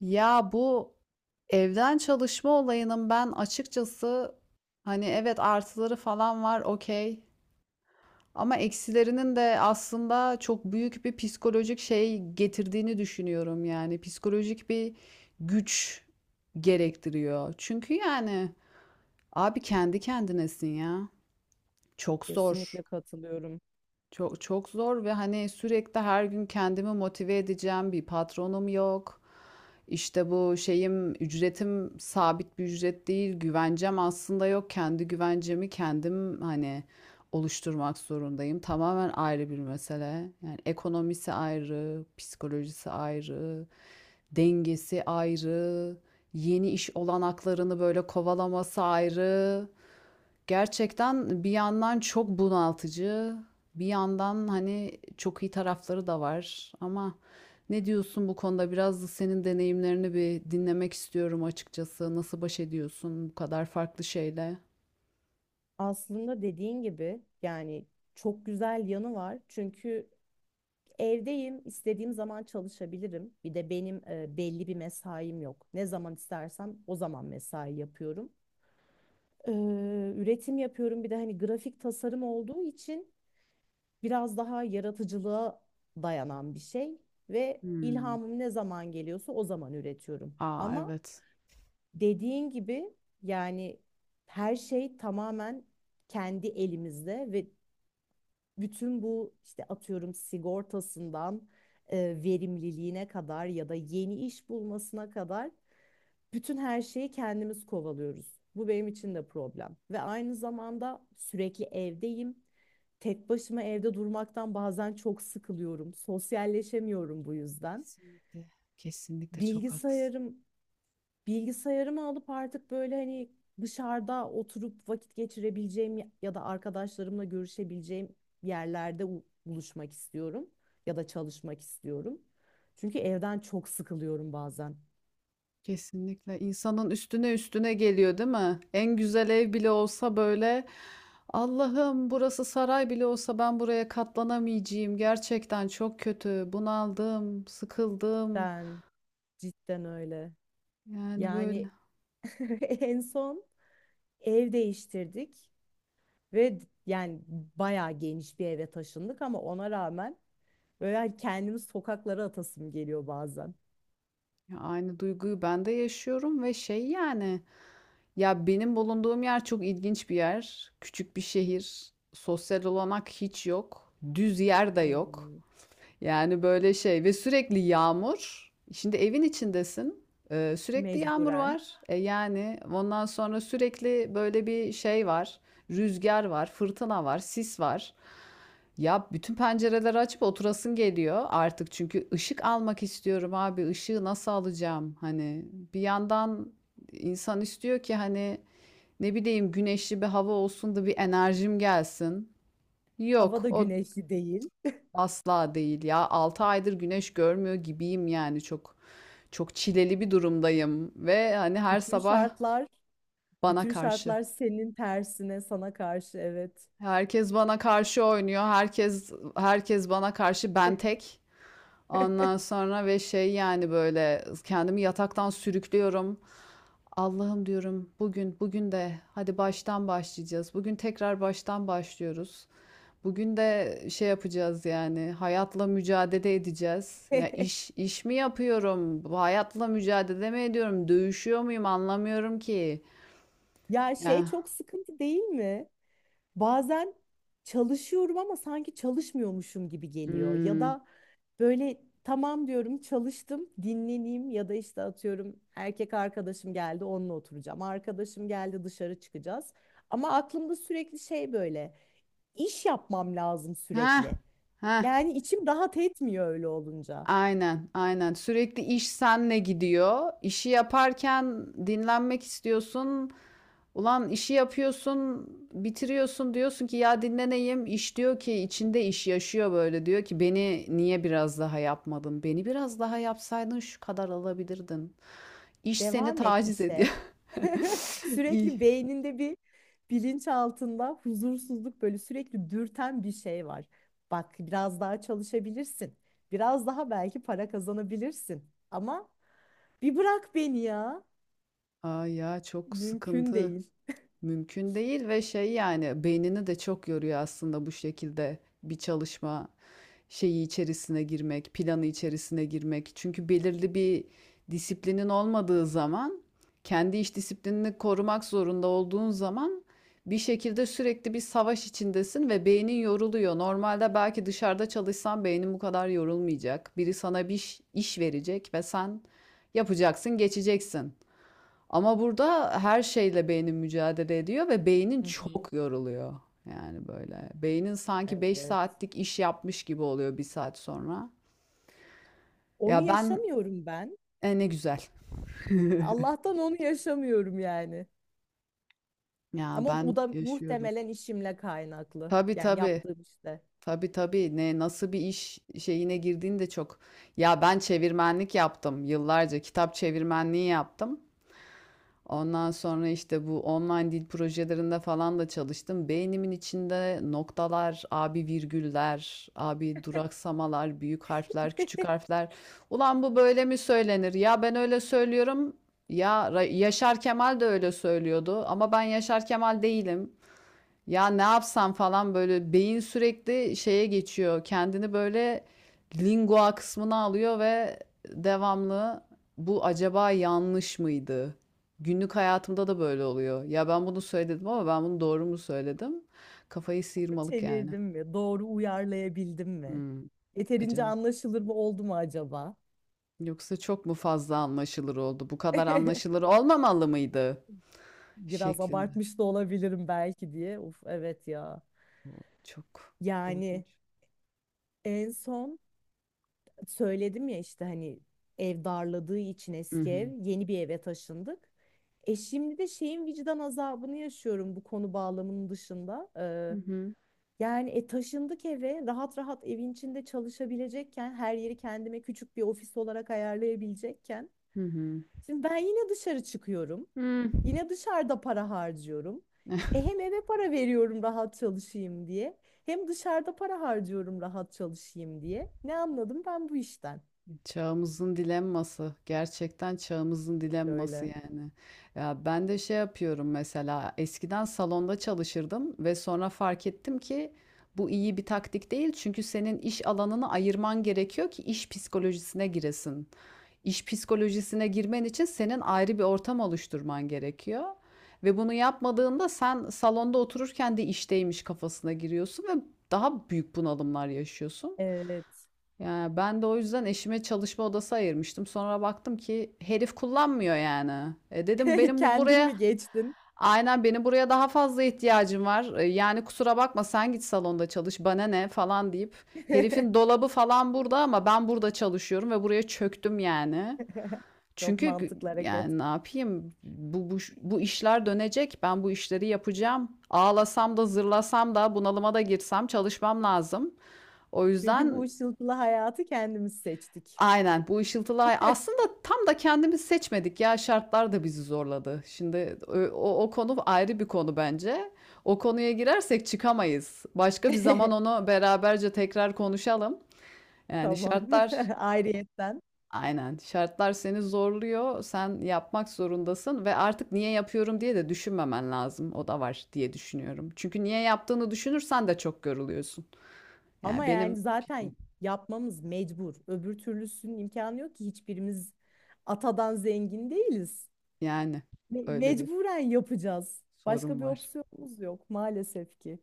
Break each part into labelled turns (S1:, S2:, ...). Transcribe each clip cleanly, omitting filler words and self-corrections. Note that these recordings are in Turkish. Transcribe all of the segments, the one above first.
S1: Ya bu evden çalışma olayının ben açıkçası hani evet artıları falan var okey ama eksilerinin de aslında çok büyük bir psikolojik şey getirdiğini düşünüyorum yani psikolojik bir güç gerektiriyor. Çünkü yani abi kendi kendinesin ya. Çok zor.
S2: Kesinlikle katılıyorum.
S1: Çok çok zor ve hani sürekli her gün kendimi motive edeceğim bir patronum yok. İşte bu şeyim ücretim sabit bir ücret değil. Güvencem aslında yok. Kendi güvencemi kendim hani oluşturmak zorundayım. Tamamen ayrı bir mesele. Yani ekonomisi ayrı, psikolojisi ayrı, dengesi ayrı, yeni iş olanaklarını böyle kovalaması ayrı. Gerçekten bir yandan çok bunaltıcı, bir yandan hani çok iyi tarafları da var. Ama ne diyorsun bu konuda? Biraz da senin deneyimlerini bir dinlemek istiyorum açıkçası. Nasıl baş ediyorsun bu kadar farklı şeyle?
S2: Aslında dediğin gibi yani çok güzel yanı var. Çünkü evdeyim, istediğim zaman çalışabilirim. Bir de benim belli bir mesaim yok. Ne zaman istersem o zaman mesai yapıyorum. Üretim yapıyorum. Bir de hani grafik tasarım olduğu için biraz daha yaratıcılığa dayanan bir şey ve
S1: Hmm.
S2: ilhamım ne zaman geliyorsa o zaman üretiyorum.
S1: Aa,
S2: Ama
S1: evet.
S2: dediğin gibi yani her şey tamamen kendi elimizde ve bütün bu işte atıyorum sigortasından e, verimliliğine kadar ya da yeni iş bulmasına kadar bütün her şeyi kendimiz kovalıyoruz. Bu benim için de problem. Ve aynı zamanda sürekli evdeyim. Tek başıma evde durmaktan bazen çok sıkılıyorum. Sosyalleşemiyorum bu yüzden.
S1: Kesinlikle. Kesinlikle çok haklısın.
S2: Bilgisayarım bilgisayarımı alıp artık böyle hani dışarıda oturup vakit geçirebileceğim ya ya da arkadaşlarımla görüşebileceğim yerlerde buluşmak istiyorum ya da çalışmak istiyorum. Çünkü evden çok sıkılıyorum bazen.
S1: Kesinlikle insanın üstüne üstüne geliyor değil mi? En güzel ev bile olsa böyle Allah'ım burası saray bile olsa ben buraya katlanamayacağım. Gerçekten çok kötü. Bunaldım, sıkıldım.
S2: Ben cidden öyle.
S1: Yani
S2: Yani
S1: böyle
S2: en son ev değiştirdik ve yani bayağı geniş bir eve taşındık ama ona rağmen böyle hani kendimi sokaklara atasım geliyor bazen.
S1: ya aynı duyguyu ben de yaşıyorum ve şey yani ya benim bulunduğum yer çok ilginç bir yer. Küçük bir şehir. Sosyal olanak hiç yok. Düz yer de yok.
S2: Hmm.
S1: Yani böyle şey ve sürekli yağmur. Şimdi evin içindesin. Sürekli yağmur
S2: Mecburen.
S1: var. E yani ondan sonra sürekli böyle bir şey var. Rüzgar var, fırtına var, sis var. Ya bütün pencereleri açıp oturasın geliyor artık çünkü ışık almak istiyorum abi. Işığı nasıl alacağım? Hani bir yandan insan istiyor ki hani ne bileyim güneşli bir hava olsun da bir enerjim gelsin.
S2: Hava
S1: Yok,
S2: da
S1: o
S2: güneşli değil.
S1: asla değil ya. 6 aydır güneş görmüyor gibiyim yani çok çok çileli bir durumdayım ve hani her
S2: Bütün
S1: sabah
S2: şartlar,
S1: bana
S2: bütün
S1: karşı.
S2: şartlar senin tersine, sana karşı. Evet.
S1: Herkes bana karşı oynuyor. Herkes bana karşı ben tek. Ondan sonra ve şey yani böyle kendimi yataktan sürüklüyorum. Allah'ım diyorum bugün de hadi baştan başlayacağız. Bugün tekrar baştan başlıyoruz. Bugün de şey yapacağız yani hayatla mücadele edeceğiz. Ya iş mi yapıyorum? Bu hayatla mücadele mi ediyorum? Dövüşüyor muyum? Anlamıyorum ki.
S2: Ya şey,
S1: Ya.
S2: çok sıkıntı değil mi? Bazen çalışıyorum ama sanki çalışmıyormuşum gibi geliyor. Ya
S1: Hmm.
S2: da böyle tamam diyorum, çalıştım, dinleneyim ya da işte atıyorum erkek arkadaşım geldi onunla oturacağım. Arkadaşım geldi, dışarı çıkacağız. Ama aklımda sürekli şey, böyle iş yapmam lazım
S1: Ha.
S2: sürekli.
S1: Ha.
S2: Yani içim rahat etmiyor öyle olunca.
S1: Aynen, aynen. Sürekli iş senle gidiyor. İşi yaparken dinlenmek istiyorsun. Ulan işi yapıyorsun, bitiriyorsun diyorsun ki ya dinleneyim. İş diyor ki, içinde iş yaşıyor böyle diyor ki, beni niye biraz daha yapmadın? Beni biraz daha yapsaydın şu kadar alabilirdin. İş seni
S2: Devam et
S1: taciz ediyor.
S2: işe.
S1: İyi.
S2: Sürekli beyninde bir, bilinç altında huzursuzluk, böyle sürekli dürten bir şey var. Bak biraz daha çalışabilirsin. Biraz daha belki para kazanabilirsin. Ama bir bırak beni ya.
S1: Aa ya, çok
S2: Mümkün
S1: sıkıntı.
S2: değil.
S1: Mümkün değil ve şey yani beynini de çok yoruyor aslında bu şekilde bir çalışma. Şeyi içerisine girmek, planı içerisine girmek. Çünkü belirli bir disiplinin olmadığı zaman, kendi iş disiplinini korumak zorunda olduğun zaman bir şekilde sürekli bir savaş içindesin ve beynin yoruluyor. Normalde belki dışarıda çalışsan beynin bu kadar yorulmayacak. Biri sana bir iş verecek ve sen yapacaksın, geçeceksin. Ama burada her şeyle beynin mücadele ediyor ve beynin
S2: Hı hı.
S1: çok yoruluyor. Yani böyle. Beynin sanki 5
S2: Evet.
S1: saatlik iş yapmış gibi oluyor bir saat sonra.
S2: Onu
S1: Ya ben
S2: yaşamıyorum ben.
S1: ne güzel.
S2: Allah'tan onu yaşamıyorum yani.
S1: Ya
S2: Ama
S1: ben
S2: bu da
S1: yaşıyorum.
S2: muhtemelen işimle kaynaklı.
S1: Tabii
S2: Yani
S1: tabii.
S2: yaptığım işte.
S1: Tabii tabii. Ne nasıl bir iş şeyine girdiğinde çok. Ya ben çevirmenlik yaptım yıllarca. Kitap çevirmenliği yaptım. Ondan sonra işte bu online dil projelerinde falan da çalıştım. Beynimin içinde noktalar, abi virgüller, abi duraksamalar, büyük harfler, küçük harfler. Ulan bu böyle mi söylenir? Ya ben öyle söylüyorum. Ya Yaşar Kemal de öyle söylüyordu ama ben Yaşar Kemal değilim. Ya ne yapsam falan böyle beyin sürekli şeye geçiyor. Kendini böyle lingua kısmına alıyor ve devamlı bu acaba yanlış mıydı? Günlük hayatımda da böyle oluyor. Ya ben bunu söyledim ama ben bunu doğru mu söyledim? Kafayı sıyırmalık yani.
S2: Çevirdim mi? Doğru uyarlayabildim mi?
S1: Hmm,
S2: Yeterince
S1: acaba.
S2: anlaşılır mı oldu mu acaba?
S1: Yoksa çok mu fazla anlaşılır oldu? Bu kadar anlaşılır olmamalı mıydı?
S2: Biraz
S1: Şeklinde.
S2: abartmış da olabilirim belki diye. Uf, evet ya.
S1: O çok
S2: Yani
S1: korkunç.
S2: en son söyledim ya işte hani ev darladığı için
S1: Hı
S2: eski ev,
S1: hı.
S2: yeni bir eve taşındık. E, şimdi de şeyin vicdan azabını yaşıyorum bu konu bağlamının dışında.
S1: Hı hı.
S2: Yani taşındık eve, rahat rahat evin içinde çalışabilecekken, her yeri kendime küçük bir ofis olarak ayarlayabilecekken.
S1: Hı hı.
S2: Şimdi ben yine dışarı çıkıyorum.
S1: Hmm.
S2: Yine dışarıda para harcıyorum. E hem eve para veriyorum rahat çalışayım diye. Hem dışarıda para harcıyorum rahat çalışayım diye. Ne anladım ben bu işten?
S1: Çağımızın dilemması. Gerçekten çağımızın
S2: Kesinlikle
S1: dilemması
S2: öyle.
S1: yani. Ya ben de şey yapıyorum mesela, eskiden salonda çalışırdım ve sonra fark ettim ki bu iyi bir taktik değil. Çünkü senin iş alanını ayırman gerekiyor ki iş psikolojisine giresin. İş psikolojisine girmen için senin ayrı bir ortam oluşturman gerekiyor. Ve bunu yapmadığında sen salonda otururken de işteymiş kafasına giriyorsun ve daha büyük bunalımlar yaşıyorsun.
S2: Evet.
S1: Yani ben de o yüzden eşime çalışma odası ayırmıştım. Sonra baktım ki herif kullanmıyor yani. E dedim benim
S2: Kendin
S1: buraya
S2: mi geçtin?
S1: aynen benim buraya daha fazla ihtiyacım var. E yani kusura bakma sen git salonda çalış bana ne falan deyip herifin dolabı falan burada ama ben burada çalışıyorum ve buraya çöktüm yani.
S2: Çok
S1: Çünkü
S2: mantıklı hareket.
S1: yani ne yapayım bu işler dönecek ben bu işleri yapacağım. Ağlasam da zırlasam da bunalıma da girsem çalışmam lazım. O
S2: Çünkü bu
S1: yüzden
S2: ışıltılı hayatı kendimiz seçtik.
S1: aynen bu ışıltılı ay aslında tam da kendimiz seçmedik ya şartlar da bizi zorladı. Şimdi o konu ayrı bir konu bence. O konuya girersek çıkamayız. Başka bir zaman onu beraberce tekrar konuşalım. Yani
S2: Tamam.
S1: şartlar
S2: Ayrıyetten.
S1: aynen şartlar seni zorluyor. Sen yapmak zorundasın ve artık niye yapıyorum diye de düşünmemen lazım. O da var diye düşünüyorum. Çünkü niye yaptığını düşünürsen de çok yoruluyorsun.
S2: Ama
S1: Yani
S2: yani
S1: benim
S2: zaten
S1: fikrim
S2: yapmamız mecbur. Öbür türlüsünün imkanı yok ki, hiçbirimiz atadan zengin değiliz.
S1: yani öyle bir
S2: Mecburen yapacağız.
S1: sorun
S2: Başka bir
S1: var.
S2: opsiyonumuz yok maalesef ki.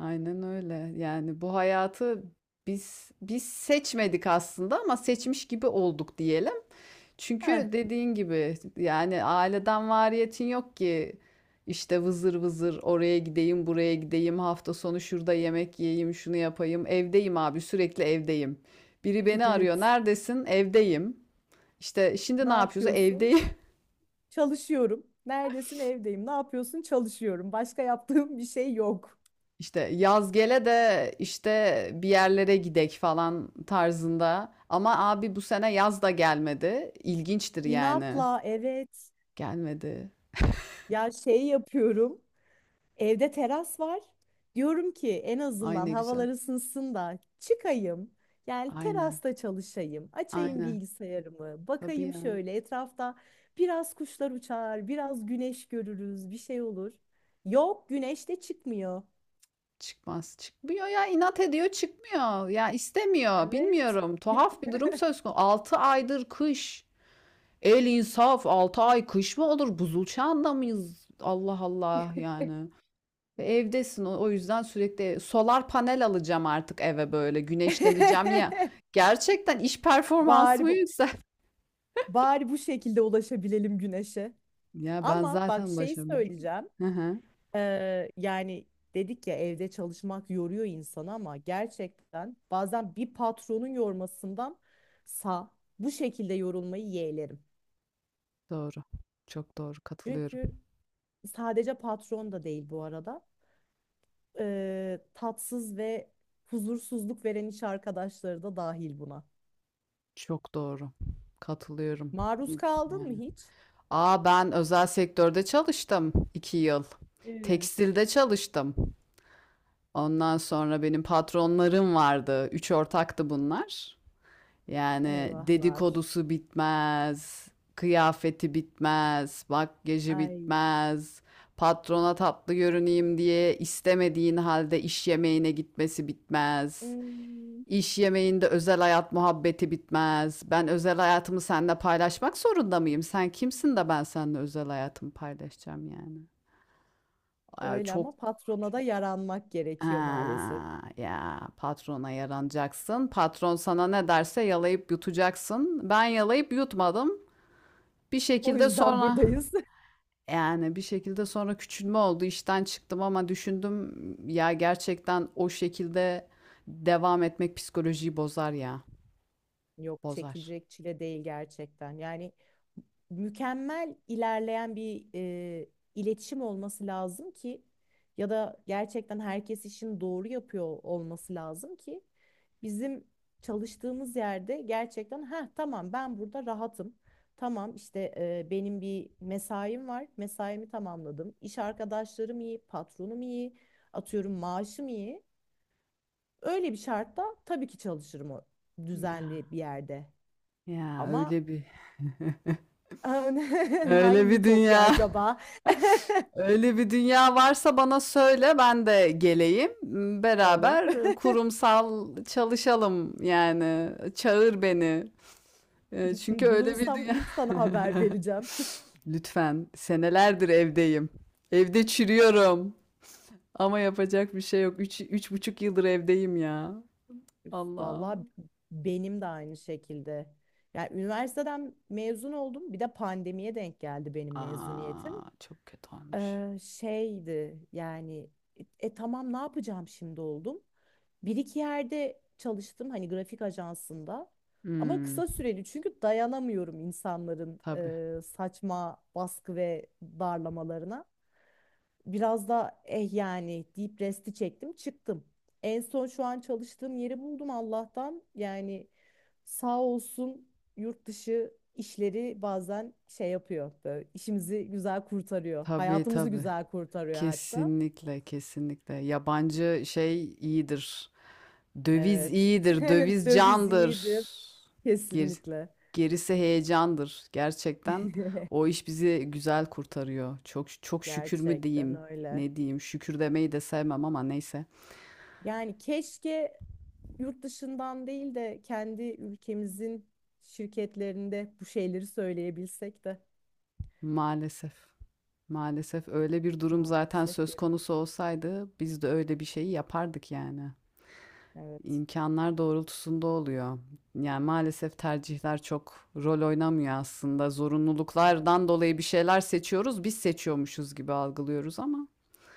S1: Aynen öyle. Yani bu hayatı biz seçmedik aslında ama seçmiş gibi olduk diyelim.
S2: Heh,
S1: Çünkü dediğin gibi yani aileden variyetin yok ki işte vızır vızır oraya gideyim, buraya gideyim, hafta sonu şurada yemek yiyeyim, şunu yapayım. Evdeyim abi, sürekli evdeyim. Biri beni arıyor.
S2: evet.
S1: Neredesin? Evdeyim. İşte şimdi
S2: Ne
S1: ne yapıyoruz?
S2: yapıyorsun?
S1: Evdeyim.
S2: Çalışıyorum. Neredesin? Evdeyim. Ne yapıyorsun? Çalışıyorum. Başka yaptığım bir şey yok.
S1: İşte yaz gele de işte bir yerlere gidek falan tarzında. Ama abi bu sene yaz da gelmedi. İlginçtir yani.
S2: İnatla evet.
S1: Gelmedi.
S2: Ya şey yapıyorum. Evde teras var. Diyorum ki en
S1: Ay
S2: azından
S1: ne güzel.
S2: havalar ısınsın da çıkayım. Yani
S1: Aynen.
S2: terasta çalışayım. Açayım
S1: Aynen.
S2: bilgisayarımı.
S1: Tabii
S2: Bakayım
S1: ya.
S2: şöyle etrafta biraz kuşlar uçar, biraz güneş görürüz, bir şey olur. Yok, güneş de çıkmıyor.
S1: Çıkmaz. Çıkmıyor ya. İnat ediyor çıkmıyor. Ya istemiyor.
S2: Evet.
S1: Bilmiyorum. Tuhaf bir durum söz konusu. 6 aydır kış. El insaf. 6 ay kış mı olur? Buzul çağında mıyız? Allah Allah yani. Ve evdesin o yüzden sürekli solar panel alacağım artık eve böyle güneşleneceğim ya. Gerçekten iş
S2: Bari
S1: performansımı
S2: bu-
S1: yüksel
S2: Bari bu şekilde ulaşabilelim güneşe.
S1: Ya, ben
S2: Ama bak
S1: zaten
S2: şey
S1: ulaşamıyorum.
S2: söyleyeceğim.
S1: Hı hı.
S2: Yani dedik ya evde çalışmak yoruyor insanı, ama gerçekten bazen bir patronun yormasından sa bu şekilde yorulmayı yeğlerim.
S1: Doğru. Çok doğru, katılıyorum.
S2: Çünkü sadece patron da değil bu arada. Tatsız ve huzursuzluk veren iş arkadaşları da dahil buna.
S1: Çok doğru. Katılıyorum.
S2: Maruz
S1: İz
S2: kaldın mı
S1: yani.
S2: hiç?
S1: A, ben özel sektörde çalıştım 2 yıl.
S2: Evet.
S1: Tekstilde çalıştım. Ondan sonra benim patronlarım vardı. Üç ortaktı bunlar. Yani
S2: Eyvahlar.
S1: dedikodusu bitmez, kıyafeti bitmez, makyajı
S2: Ay.
S1: bitmez, patrona tatlı görüneyim diye istemediğin halde iş yemeğine gitmesi bitmez.
S2: Hmm.
S1: İş yemeğinde özel hayat muhabbeti bitmez. Ben özel hayatımı seninle paylaşmak zorunda mıyım? Sen kimsin de ben seninle özel hayatımı paylaşacağım yani. Ay,
S2: Öyle,
S1: çok
S2: ama patrona da yaranmak gerekiyor maalesef.
S1: ha, ya patrona yaranacaksın. Patron sana ne derse yalayıp yutacaksın. Ben yalayıp yutmadım. Bir
S2: O
S1: şekilde
S2: yüzden
S1: sonra
S2: buradayız.
S1: yani bir şekilde sonra küçülme oldu. İşten çıktım ama düşündüm ya gerçekten o şekilde devam etmek psikolojiyi bozar ya.
S2: Yok,
S1: Bozar.
S2: çekilecek çile değil gerçekten. Yani mükemmel ilerleyen bir iletişim olması lazım ki, ya da gerçekten herkes işini doğru yapıyor olması lazım ki bizim çalıştığımız yerde. Gerçekten ha tamam, ben burada rahatım. Tamam işte benim bir mesaim var. Mesaimi tamamladım. İş arkadaşlarım iyi, patronum iyi, atıyorum maaşım iyi. Öyle bir şartta tabii ki çalışırım, o
S1: Ya,
S2: düzenli bir yerde.
S1: ya
S2: Ama
S1: öyle bir öyle
S2: hangi
S1: bir
S2: ütopya
S1: dünya.
S2: acaba
S1: Öyle bir dünya varsa bana söyle ben de geleyim.
S2: olur?
S1: Beraber kurumsal çalışalım yani. Çağır beni. Çünkü öyle bir
S2: Bulursam
S1: dünya.
S2: ilk sana haber vereceğim.
S1: Lütfen. Senelerdir evdeyim. Evde çürüyorum. Ama yapacak bir şey yok. Üç, 3,5 yıldır evdeyim ya.
S2: Üf, vallahi
S1: Allah'ım.
S2: benim de aynı şekilde. Yani üniversiteden mezun oldum. Bir de pandemiye denk geldi benim mezuniyetim.
S1: Aa, çok kötü olmuş.
S2: Şeydi yani, tamam ne yapacağım şimdi oldum. Bir iki yerde çalıştım hani, grafik ajansında. Ama
S1: Hmm,
S2: kısa süreli, çünkü dayanamıyorum insanların
S1: tabii.
S2: saçma baskı ve darlamalarına. Biraz da eh yani deyip resti çektim, çıktım. En son şu an çalıştığım yeri buldum Allah'tan. Yani sağ olsun yurt dışı işleri bazen şey yapıyor. Böyle işimizi güzel kurtarıyor.
S1: Tabii
S2: Hayatımızı
S1: tabii.
S2: güzel kurtarıyor hatta.
S1: Kesinlikle kesinlikle. Yabancı şey iyidir. Döviz
S2: Evet.
S1: iyidir, döviz
S2: Döviz
S1: candır.
S2: iyidir.
S1: Ger-
S2: Kesinlikle.
S1: gerisi heyecandır. Gerçekten o iş bizi güzel kurtarıyor. Çok çok şükür mü
S2: Gerçekten
S1: diyeyim,
S2: öyle.
S1: ne diyeyim? Şükür demeyi de sevmem ama neyse.
S2: Yani keşke yurt dışından değil de kendi ülkemizin şirketlerinde bu şeyleri söyleyebilsek de.
S1: Maalesef. Maalesef öyle bir durum zaten
S2: Maalesef
S1: söz
S2: geliyoruz.
S1: konusu olsaydı biz de öyle bir şeyi yapardık yani.
S2: Evet.
S1: İmkanlar doğrultusunda oluyor. Yani maalesef tercihler çok rol oynamıyor aslında.
S2: Evet.
S1: Zorunluluklardan dolayı bir şeyler seçiyoruz, biz seçiyormuşuz gibi algılıyoruz ama.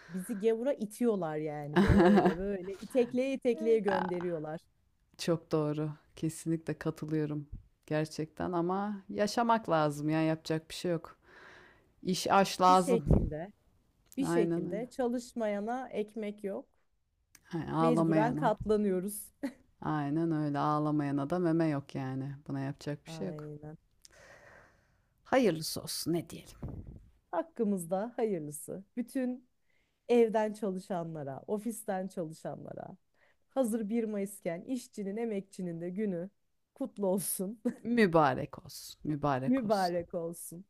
S2: Bizi gavura itiyorlar yani, böyle böyle itekleye itekleye gönderiyorlar.
S1: Çok doğru. Kesinlikle katılıyorum. Gerçekten ama yaşamak lazım ya yapacak bir şey yok. İş aş
S2: Bir
S1: lazım.
S2: şekilde bir
S1: Aynen öyle.
S2: şekilde çalışmayana ekmek yok.
S1: Ha,
S2: Mecburen
S1: ağlamayana.
S2: katlanıyoruz.
S1: Aynen öyle ağlamayana da meme yok yani. Buna yapacak bir şey yok.
S2: Aynen.
S1: Hayırlısı olsun ne diyelim.
S2: Hakkımızda hayırlısı. Bütün evden çalışanlara, ofisten çalışanlara. Hazır 1 Mayıs'ken işçinin, emekçinin de günü kutlu olsun,
S1: Mübarek olsun. Mübarek olsun.
S2: mübarek olsun.